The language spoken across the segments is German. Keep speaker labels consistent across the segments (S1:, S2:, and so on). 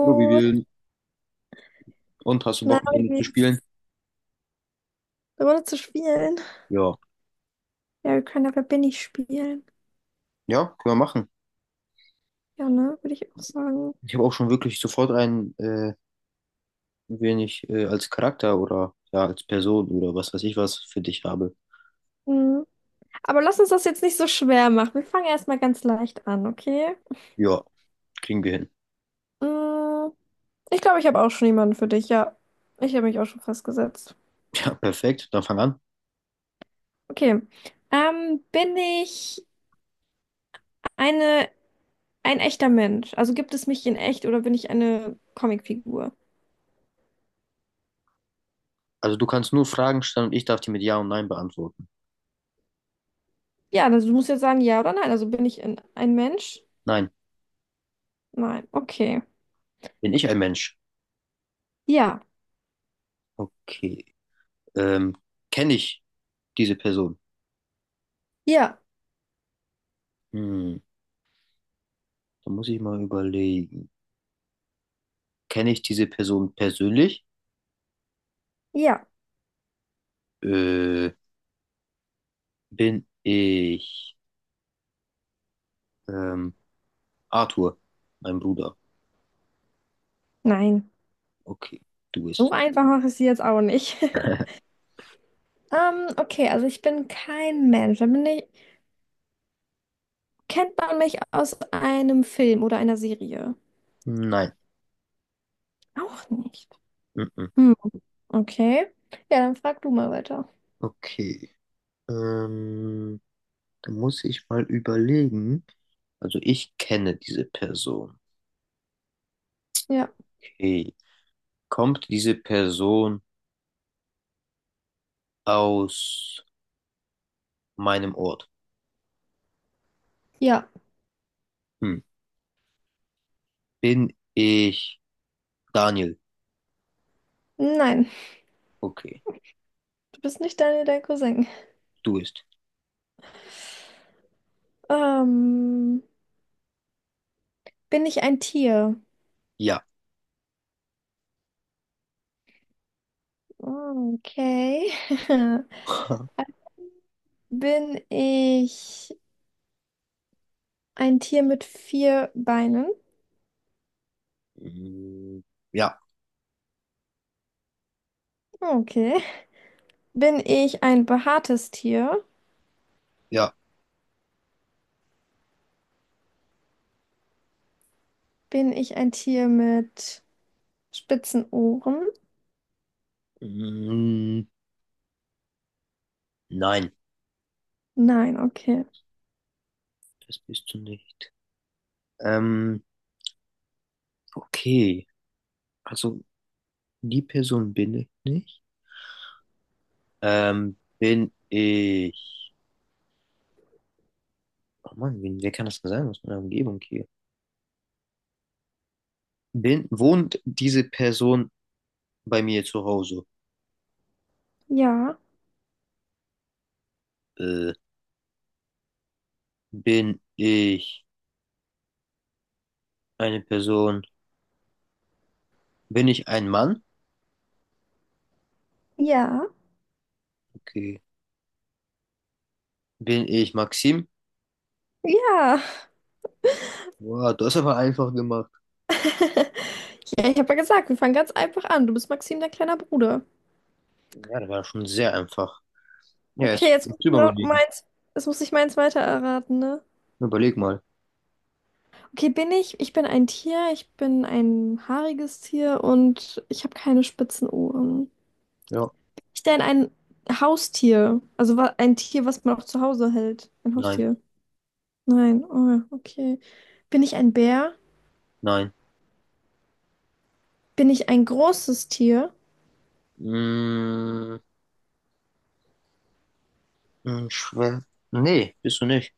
S1: Hallo, wie wir und hast du
S2: na,
S1: Bock mit
S2: wie
S1: mir zu
S2: geht's?
S1: spielen?
S2: Eine Runde zu spielen?
S1: Ja.
S2: Ja, wir können ja Wer bin ich spielen.
S1: Ja, können wir machen.
S2: Ja, ne, würde ich auch sagen.
S1: Ich habe auch schon wirklich sofort einen, wen ich als Charakter oder ja, als Person oder was weiß ich was für dich habe.
S2: Mhm. Aber lass uns das jetzt nicht so schwer machen. Wir fangen erstmal ganz leicht an, okay?
S1: Ja, kriegen wir hin.
S2: Mhm. Ich glaube, ich habe auch schon jemanden für dich. Ja, ich habe mich auch schon festgesetzt.
S1: Ja, perfekt. Dann fang an.
S2: Okay. Bin ich eine, ein echter Mensch? Also gibt es mich in echt oder bin ich eine Comicfigur?
S1: Also du kannst nur Fragen stellen und ich darf die mit Ja und Nein beantworten.
S2: Ja, also du musst jetzt sagen ja oder nein. Also bin ich ein Mensch?
S1: Nein,
S2: Nein. Okay.
S1: bin ich ein Mensch?
S2: Ja.
S1: Okay. Ähm, Kenne ich diese Person?
S2: Ja.
S1: Hm, da muss ich mal überlegen. Kenne ich diese Person persönlich?
S2: Ja.
S1: Äh, bin ich ähm, Arthur, mein Bruder.
S2: Nein,
S1: Okay, du
S2: so
S1: bist.
S2: einfach mache ich sie jetzt auch nicht. Okay, also ich bin kein Mensch. Kennt man mich aus einem Film oder einer Serie?
S1: Nein.
S2: Auch nicht.
S1: Mhm.
S2: Hm, okay. Ja, dann frag du mal weiter.
S1: Okay. Ähm, da muss ich mal überlegen. Also ich kenne diese Person.
S2: Ja.
S1: Okay. Kommt diese Person aus meinem Ort?
S2: Ja.
S1: Hm. Bin ich Daniel?
S2: Nein,
S1: Okay,
S2: du bist nicht Daniel, dein Cousin.
S1: du bist.
S2: Ähm, bin ich ein Tier?
S1: Ja.
S2: Okay. Bin ich ein Tier mit vier Beinen?
S1: Mm, ja,
S2: Okay. Bin ich ein behaartes Tier?
S1: ja.
S2: Bin ich ein Tier mit spitzen Ohren?
S1: Mm, nein,
S2: Nein, okay.
S1: das bist du nicht. Ähm, okay. Also die Person bin ich nicht. Bin ich. Oh Mann, wer kann das denn sein aus meiner Umgebung hier? Wohnt diese Person bei mir zu Hause?
S2: Ja,
S1: Äh, bin ich eine Person? Bin ich ein Mann?
S2: ja,
S1: Okay. Bin ich Maxim?
S2: ja.
S1: Wow, das hast aber einfach gemacht.
S2: Ja, ich habe ja gesagt, wir fangen ganz einfach an. Du bist Maxim, dein kleiner Bruder.
S1: Ja, das war schon sehr einfach. Ja,
S2: Okay,
S1: jetzt
S2: jetzt muss
S1: musst
S2: ich
S1: du mal
S2: noch
S1: überlegen.
S2: meins, jetzt muss ich meins weiter erraten, ne?
S1: Überleg mal.
S2: Okay, bin ich? Ich bin ein Tier, ich bin ein haariges Tier und ich habe keine spitzen Ohren.
S1: Ja.
S2: Ich bin ein Haustier, also ein Tier, was man auch zu Hause hält. Ein
S1: Nein,
S2: Haustier. Nein, oh, okay. Bin ich ein Bär?
S1: nein.
S2: Bin ich ein großes Tier?
S1: Mm, mm, schwer. Nee, bist du nicht.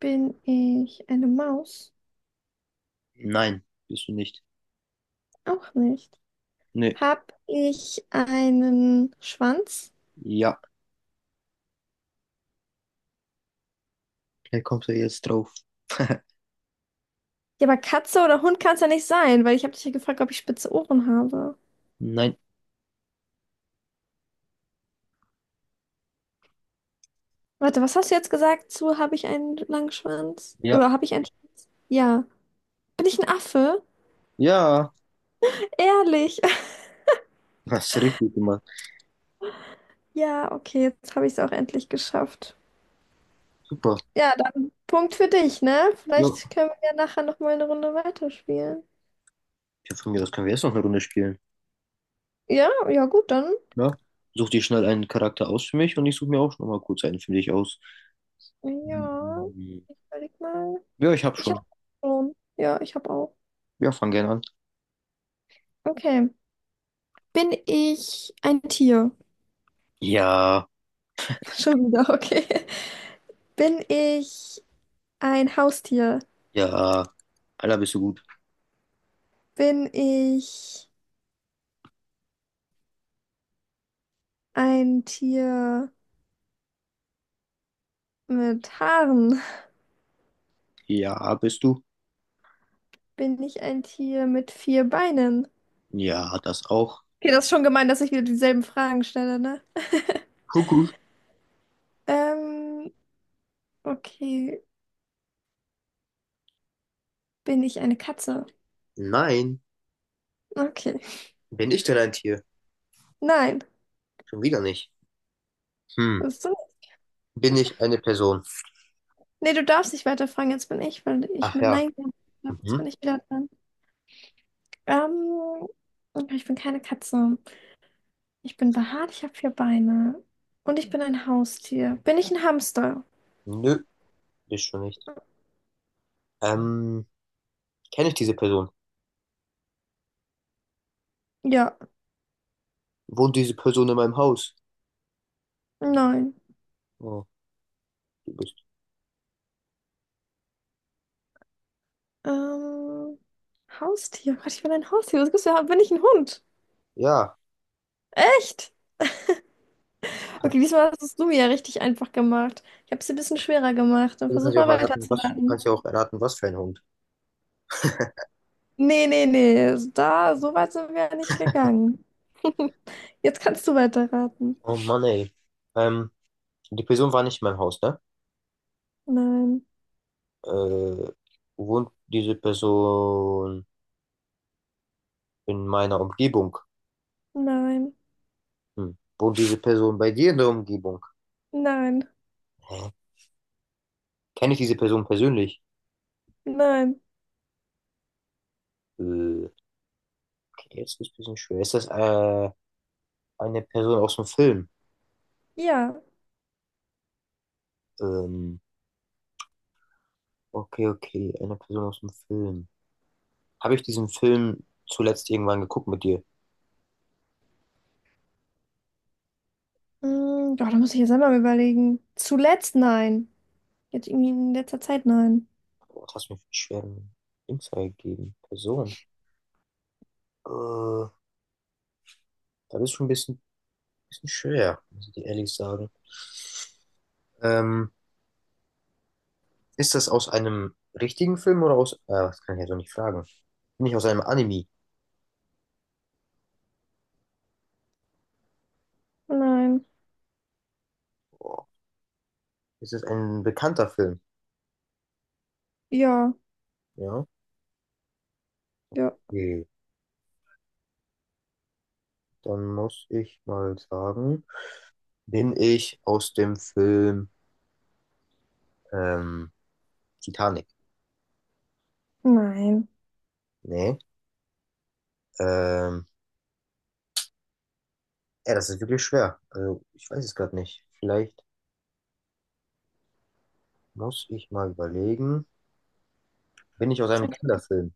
S2: Bin ich eine Maus?
S1: Nein, bist du nicht.
S2: Auch nicht.
S1: Nee.
S2: Hab ich einen Schwanz?
S1: Ja, er kommt er jetzt drauf.
S2: Ja, aber Katze oder Hund kann es ja nicht sein, weil ich habe dich ja gefragt, ob ich spitze Ohren habe.
S1: Nein.
S2: Warte, was hast du jetzt gesagt zu, habe ich einen langen Schwanz?
S1: Ja.
S2: Oder habe ich einen Ja. Bin ich ein Affe?
S1: Ja.
S2: Ehrlich.
S1: Hast richtig gemacht.
S2: Ja, okay, jetzt habe ich es auch endlich geschafft.
S1: Super.
S2: Ja, dann Punkt für dich, ne? Vielleicht
S1: Ja.
S2: können wir ja nachher nochmal eine Runde weiterspielen.
S1: Ja, von mir aus können wir jetzt noch eine Runde spielen.
S2: Ja, ja, gut, dann.
S1: Ja. Such dir schnell einen Charakter aus für mich und ich suche mir auch noch mal kurz einen für dich aus.
S2: Ja,
S1: Hm.
S2: ich überleg mal.
S1: Ja, ich hab
S2: Ich habe
S1: schon.
S2: schon. Ja, ich habe auch.
S1: Ja, fang gerne an.
S2: Okay. Bin ich ein Tier?
S1: Ja.
S2: Schon wieder, okay. Bin ich ein Haustier?
S1: Ja. Alter, bist du gut?
S2: Bin ich ein Tier mit Haaren?
S1: Ja, bist du?
S2: Bin ich ein Tier mit vier Beinen?
S1: Ja, das auch.
S2: Okay, das ist schon gemein, dass ich wieder dieselben Fragen stelle, ne?
S1: Kuckuck.
S2: Ähm, okay. Bin ich eine Katze?
S1: Nein.
S2: Okay.
S1: Bin ich denn ein Tier?
S2: Nein.
S1: Schon wieder nicht. Hm.
S2: Ist so.
S1: Bin ich eine Person?
S2: Nee, du darfst nicht weiterfragen, jetzt bin ich, weil ich
S1: Ach
S2: mit
S1: ja.
S2: Nein gesagt habe. Jetzt
S1: Mhm.
S2: bin ich wieder dran. Ähm, okay, ich bin keine Katze. Ich bin behaart, ich habe vier Beine. Und ich bin ein Haustier. Bin ich ein Hamster?
S1: Nö, bist du nicht. Ähm. Kenne ich diese Person?
S2: Ja.
S1: Wohnt diese Person in meinem Haus?
S2: Nein.
S1: Oh, du bist.
S2: Ähm, Haustier. Gott, ich bin ein Haustier. Was gibt's da? Bin ich ein Hund?
S1: Ja.
S2: Echt? Okay, diesmal hast du es mir ja richtig einfach gemacht. Ich habe es ein bisschen schwerer gemacht. Dann
S1: Du kannst
S2: versuch
S1: ja auch
S2: mal
S1: erraten, du
S2: weiterzuraten.
S1: kannst ja auch erraten, was für ein Hund.
S2: Nee, nee, nee, da, so weit sind wir ja nicht gegangen. Jetzt kannst du weiterraten.
S1: Oh Mann, ey. Ähm, die Person war nicht in meinem Haus, ne?
S2: Nein,
S1: Äh, wohnt diese Person in meiner Umgebung?
S2: nein,
S1: Hm. Wohnt diese Person bei dir in der Umgebung?
S2: nein,
S1: Hä? Kenne ich diese Person persönlich?
S2: nein.
S1: Äh, okay, jetzt ist ein bisschen schwer. Ist das eine Person aus dem Film?
S2: Ja.
S1: Ähm, okay, okay, eine Person aus dem Film. Habe ich diesen Film zuletzt irgendwann geguckt mit dir?
S2: Mm, doch, da muss ich jetzt einmal überlegen. Zuletzt nein. Jetzt irgendwie in letzter Zeit nein.
S1: Boah, das hast du mir für einen schweren Insight gegeben. Person. Äh, das ist schon ein bisschen schwer, muss ich dir ehrlich sagen. Ähm, ist das aus einem richtigen Film oder aus. Das kann ich ja so nicht fragen. Nicht aus einem Anime.
S2: Nein.
S1: Boah, ist es ein bekannter Film?
S2: Ja,
S1: Ja.
S2: ja.
S1: Okay. Dann muss ich mal sagen, bin ich aus dem Film ähm, Titanic?
S2: Nein.
S1: Nee. Ähm, ja, das ist wirklich schwer. Also, ich weiß es gerade nicht. Vielleicht. Muss ich mal überlegen. Bin ich aus einem Kinderfilm?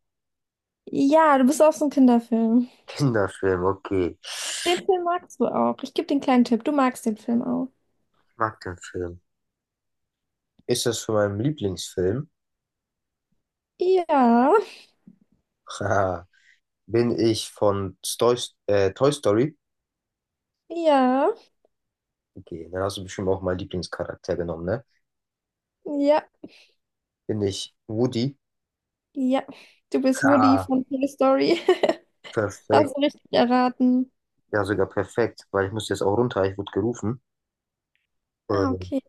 S2: Ja, du bist auch so ein Kinderfilm.
S1: Kinderfilm, okay.
S2: Den Film magst du auch. Ich gebe den kleinen Tipp. Du magst den Film auch.
S1: Ich mag den Film. Ist das von meinem Lieblingsfilm?
S2: Ja,
S1: Haha. Bin ich von Toy Story?
S2: ja,
S1: Okay, dann hast du bestimmt auch meinen Lieblingscharakter genommen, ne?
S2: ja,
S1: Bin ich Woody?
S2: ja. Du bist Woody
S1: Ah,
S2: von Toy Story.
S1: perfekt.
S2: Hast du richtig erraten.
S1: Ja, sogar perfekt, weil ich muss jetzt auch runter. Ich wurde gerufen.
S2: Ah,
S1: Ähm,
S2: okay.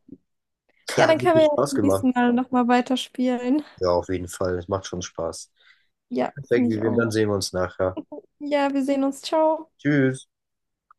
S2: Ja, dann
S1: hat
S2: können wir
S1: wirklich
S2: ja
S1: Spaß
S2: beim
S1: gemacht.
S2: nächsten Mal nochmal weiterspielen.
S1: Ja, auf jeden Fall. Es macht schon Spaß.
S2: Ja,
S1: Perfekt,
S2: finde ich
S1: Vivian.
S2: auch.
S1: Dann sehen wir uns nachher.
S2: Ja, wir sehen uns. Ciao.
S1: Tschüss.